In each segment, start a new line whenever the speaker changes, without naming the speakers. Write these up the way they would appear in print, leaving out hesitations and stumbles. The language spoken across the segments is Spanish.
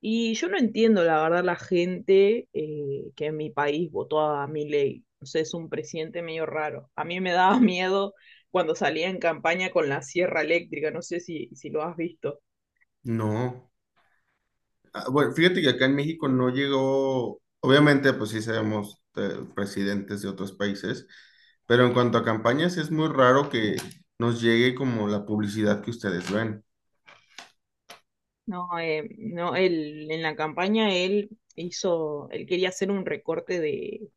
Y yo no entiendo, la verdad, la gente que en mi país votó a Milei. O sea, es un presidente medio raro. A mí me daba miedo cuando salía en campaña con la sierra eléctrica. No sé si lo has visto.
No. Ah, bueno, fíjate que acá en México no llegó, obviamente, pues sí sabemos presidentes de otros países, pero en cuanto a campañas es muy raro que nos llegue como la publicidad que ustedes ven.
No, no, él, en la campaña él hizo, él quería hacer un recorte de,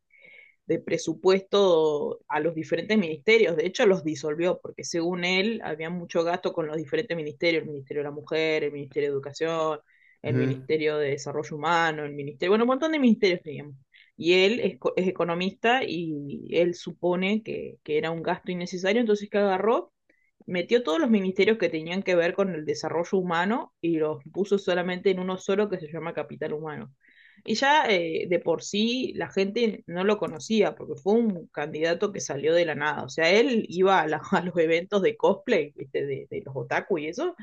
de presupuesto a los diferentes ministerios. De hecho, los disolvió, porque según él había mucho gasto con los diferentes ministerios, el Ministerio de la Mujer, el Ministerio de Educación, el Ministerio de Desarrollo Humano, el Ministerio, bueno, un montón de ministerios teníamos. Y él es economista y él supone era un gasto innecesario, entonces que agarró metió todos los ministerios que tenían que ver con el desarrollo humano y los puso solamente en uno solo que se llama Capital Humano. Y ya de por sí la gente no lo conocía porque fue un candidato que salió de la nada. O sea, él iba a, a los eventos de cosplay, ¿viste? De los otaku y eso,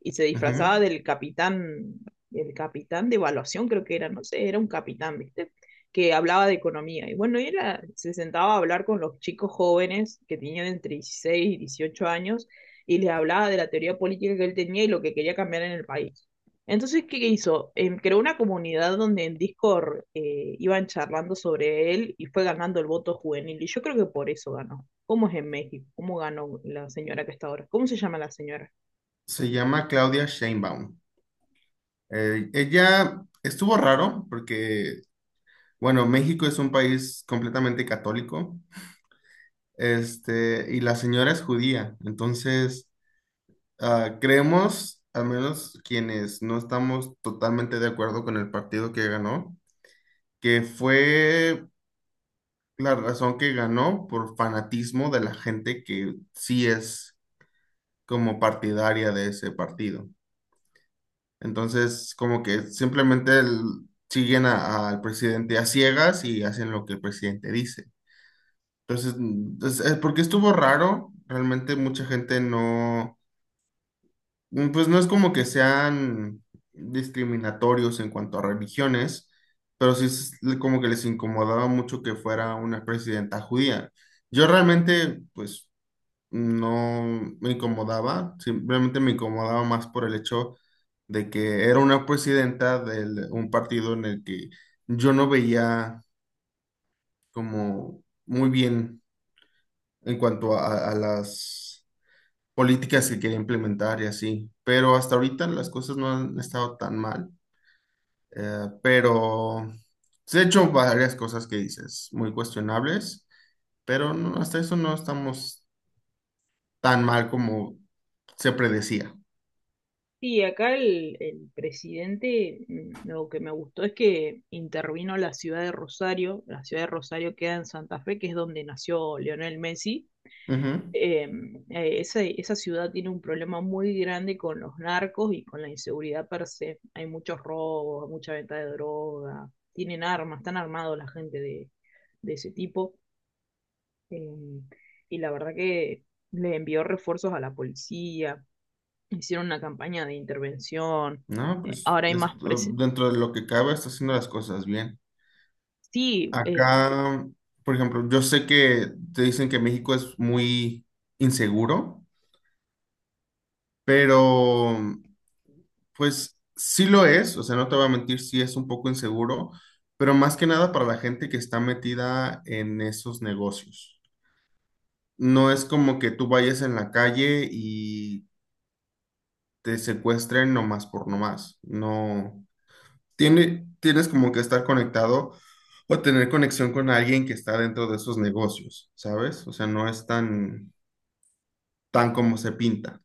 y se
Ujú,
disfrazaba
ujú.
del capitán de evaluación, creo que era, no sé, era un capitán, ¿viste? Que hablaba de economía. Y bueno, y él se sentaba a hablar con los chicos jóvenes que tenían entre 16 y 18 años y le hablaba de la teoría política que él tenía y lo que quería cambiar en el país. Entonces, ¿qué hizo? Creó una comunidad donde en Discord iban charlando sobre él y fue ganando el voto juvenil. Y yo creo que por eso ganó. ¿Cómo es en México? ¿Cómo ganó la señora que está ahora? ¿Cómo se llama la señora?
Se llama Claudia Sheinbaum. Ella estuvo raro porque bueno, México es un país completamente católico, y la señora es judía. Entonces, creemos, al menos quienes no estamos totalmente de acuerdo con el partido que ganó, que fue la razón que ganó por fanatismo de la gente que sí es como partidaria de ese partido. Entonces, como que simplemente siguen al presidente a ciegas y hacen lo que el presidente dice. Entonces, porque estuvo raro, realmente mucha gente no, pues no es como que sean discriminatorios en cuanto a religiones, pero sí es como que les incomodaba mucho que fuera una presidenta judía. Yo realmente, pues, no me incomodaba, simplemente me incomodaba más por el hecho de que era una presidenta de un partido en el que yo no veía como muy bien en cuanto a a las políticas que quería implementar y así. Pero hasta ahorita las cosas no han estado tan mal. Pero se han hecho varias cosas que dices, muy cuestionables, pero no, hasta eso no estamos tan mal como se predecía.
Sí, acá el presidente, mm, lo que me gustó es que intervino la ciudad de Rosario. La ciudad de Rosario queda en Santa Fe, que es donde nació Lionel Messi,
Ujú.
esa ciudad tiene un problema muy grande con los narcos y con la inseguridad per se. Hay muchos robos, mucha venta de droga, tienen armas, están armados la gente de ese tipo. eh, y la verdad que le envió refuerzos a la policía, hicieron una campaña de intervención.
No, pues
Ahora hay más...
esto- dentro de lo que cabe está haciendo las cosas bien.
Sí, eh,
Acá, por ejemplo, yo sé que te dicen que México es muy inseguro. Pero, pues sí lo es, o sea, no te voy a mentir, sí es un poco inseguro, pero más que nada para la gente que está metida en esos negocios. No es como que tú vayas en la calle y te secuestren nomás por nomás. No, tienes como que estar conectado o tener conexión con alguien que está dentro de esos negocios, ¿sabes? O sea, no es tan, tan como se pinta.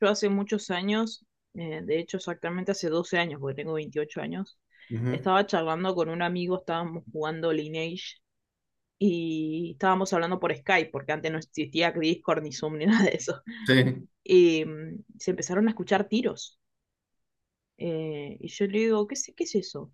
Yo hace muchos años, de hecho exactamente hace 12 años, porque tengo 28 años,
Ujú,
estaba charlando con un amigo, estábamos jugando Lineage y estábamos hablando por Skype, porque antes no existía Discord ni Zoom ni nada de eso.
sí.
Y se empezaron a escuchar tiros, y yo le digo, ¿qué, qué es eso?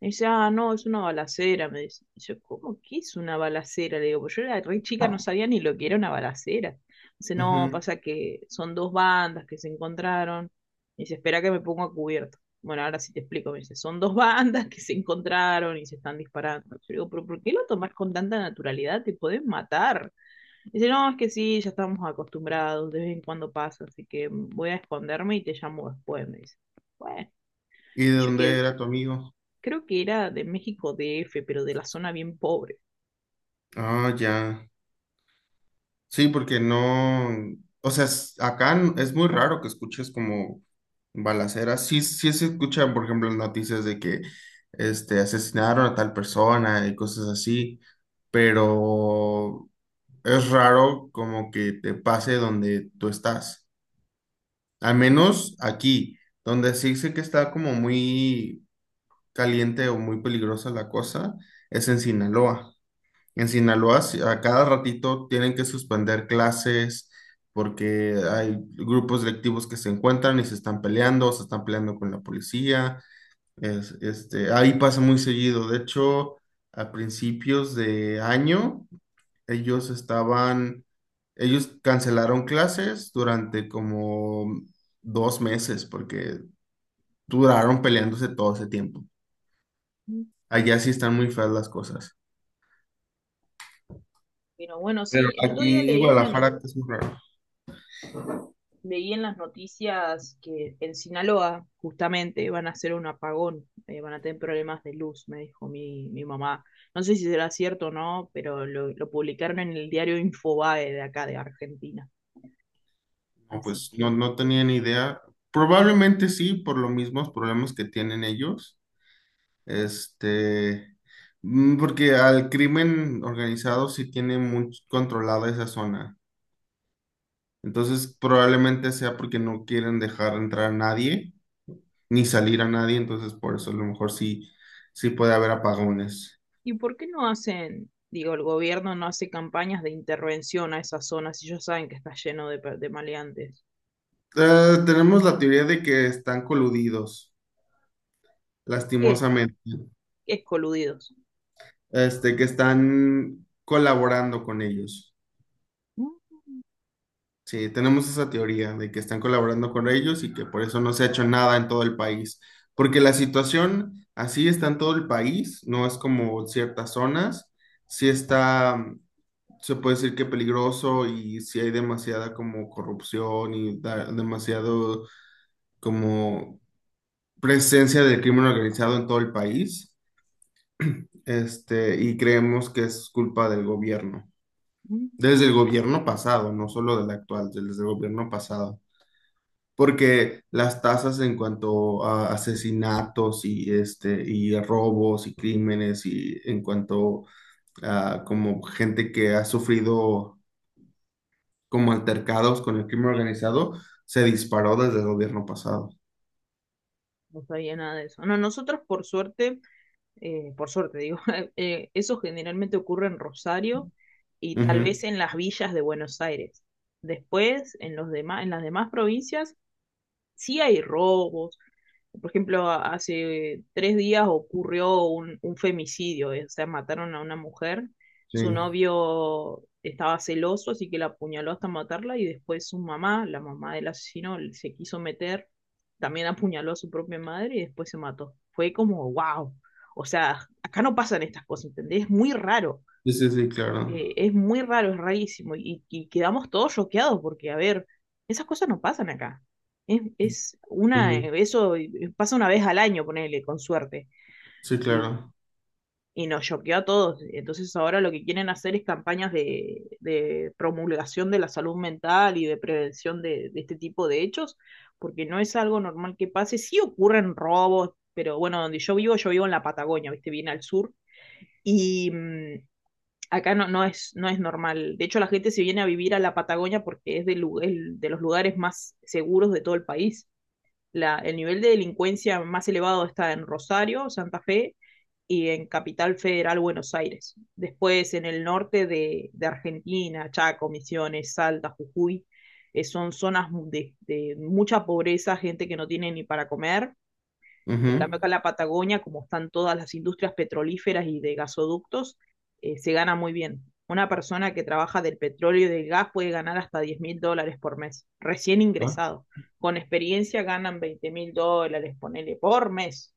Me dice, ah, no, es una balacera, me dice. Y yo, ¿cómo que es una balacera? Le digo, pues yo era re chica, no sabía ni lo que era una balacera. Dice, no,
Ujú.
pasa que son dos bandas que se encontraron. Y dice, espera que me pongo a cubierto. Bueno, ahora sí te explico, me dice, son dos bandas que se encontraron y se están disparando. Yo digo, pero ¿por qué lo tomás con tanta naturalidad? Te pueden matar. Dice, no, es que sí, ya estamos acostumbrados, de vez en cuando pasa, así que voy a esconderme y te llamo después, me dice. Bueno.
¿Y de
Y yo
dónde
que,
era tu amigo?
creo que era de México DF, pero de la zona bien pobre.
Ah, ya. Sí, porque no, o sea, acá es muy raro que escuches como balaceras. Sí, sí se escuchan, por ejemplo, las noticias de que asesinaron a tal persona y cosas así, pero es raro como que te pase donde tú estás. Al menos aquí, donde sí sé que está como muy caliente o muy peligrosa la cosa, es en Sinaloa. En Sinaloa, sí, a cada ratito tienen que suspender clases porque hay grupos delictivos que se encuentran y se están peleando con la policía. Ahí pasa muy seguido. De hecho, a principios de año, ellos estaban, ellos cancelaron clases durante como dos meses porque duraron peleándose todo ese tiempo. Allá sí están muy feas las cosas.
Pero bueno,
Pero
sí, el otro día
aquí en
leí una
Guadalajara es muy raro.
leí en las noticias que en Sinaloa justamente van a hacer un apagón, van a tener problemas de luz, me dijo mi mamá. No sé si será cierto o no, pero lo publicaron en el diario Infobae de acá de Argentina.
No,
Así
pues no,
que,
no tenía ni idea. Probablemente sí, por los mismos problemas que tienen ellos. Este, porque al crimen organizado sí tiene muy controlada esa zona. Entonces, probablemente sea porque no quieren dejar entrar a nadie, ni salir a nadie. Entonces, por eso a lo mejor sí, sí puede haber apagones.
¿y por qué no hacen, digo, el gobierno no hace campañas de intervención a esas zonas si ellos saben que está lleno de, de maleantes?
Tenemos la teoría de que están coludidos,
Es
lastimosamente.
coludidos.
Este, que están colaborando con ellos. Sí, tenemos esa teoría de que están colaborando con ellos y que por eso no se ha hecho nada en todo el país, porque la situación así está en todo el país, no es como ciertas zonas, sí está, se puede decir que peligroso y sí hay demasiada como corrupción y demasiado como presencia del crimen organizado en todo el país, este, y creemos que es culpa del gobierno,
Mm,
desde el gobierno pasado, no solo del actual, desde el gobierno pasado. Porque las tasas en cuanto a asesinatos y, este, y robos y crímenes y en cuanto a como gente que ha sufrido como altercados con el crimen organizado, se disparó desde el gobierno pasado.
no sabía nada de eso. No, nosotros por suerte digo, eso generalmente ocurre en Rosario y tal
Ujú,
vez en las villas de Buenos Aires. Después, los demás, en las demás provincias, sí hay robos. Por ejemplo, hace 3 días ocurrió un femicidio, o sea, mataron a una mujer,
sí,
su novio estaba celoso, así que la apuñaló hasta matarla y después su mamá, la mamá del asesino, se quiso meter, también apuñaló a su propia madre y después se mató. Fue como, wow, o sea, acá no pasan estas cosas, ¿entendés? Es muy raro,
sí, claro.
es muy raro, es rarísimo. Y quedamos todos choqueados porque, a ver, esas cosas no pasan acá. Es una,
Ujú,
eso pasa una vez al año, ponele, con suerte.
sí,
Y,
claro.
y nos choqueó a todos. Entonces ahora lo que quieren hacer es campañas de promulgación de la salud mental y de prevención de este tipo de hechos, porque no es algo normal que pase. Sí ocurren robos, pero bueno, donde yo vivo en la Patagonia, viste, bien al sur. Y acá no es normal. De hecho, la gente se viene a vivir a la Patagonia porque es de los lugares más seguros de todo el país. El nivel de delincuencia más elevado está en Rosario, Santa Fe y en Capital Federal, Buenos Aires. Después, en el norte de Argentina, Chaco, Misiones, Salta, Jujuy, son zonas de mucha pobreza, gente que no tiene ni para comer. En cambio,
Ujú.
acá en la Patagonia, como están todas las industrias petrolíferas y de gasoductos, se gana muy bien. Una persona que trabaja del petróleo y del gas puede ganar hasta 10.000 dólares por mes, recién
Ah,
ingresado. Con experiencia ganan 20.000 dólares, ponele, por mes.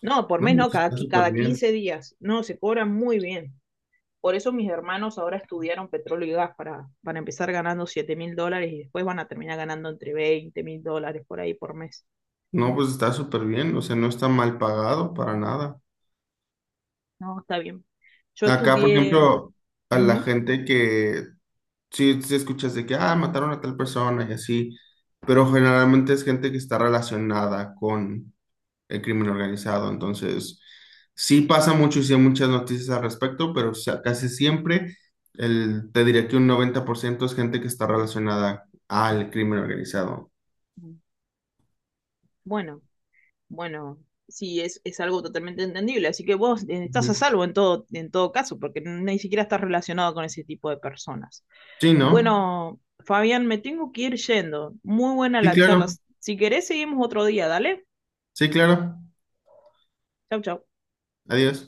No, por
no,
mes no,
pues está súper
cada
bien.
15 días. No, se cobran muy bien. Por eso mis hermanos ahora estudiaron petróleo y gas para empezar ganando 7.000 dólares y después van a terminar ganando entre 20.000 dólares por ahí por mes.
No, pues está súper bien. O sea, no está mal pagado para nada.
No, está bien. Yo
Acá, por
estudié.
ejemplo, a la
Ujú.
gente que sí, sí escuchas de que, ah, mataron a tal persona y así, pero generalmente es gente que está relacionada con el crimen organizado, entonces sí pasa mucho y sí hay muchas noticias al respecto, pero o sea, casi siempre el, te diré que un 90% es gente que está relacionada al crimen organizado.
Bueno, bueno, sí, es algo totalmente entendible. Así que vos estás a
Ujú.
salvo en todo caso, porque ni siquiera estás relacionado con ese tipo de personas.
Sí, ¿no?
Bueno, Fabián, me tengo que ir yendo. Muy buena
Sí,
la charla.
claro,
Si querés, seguimos otro día, dale.
sí, claro.
Chau, chau.
Adiós.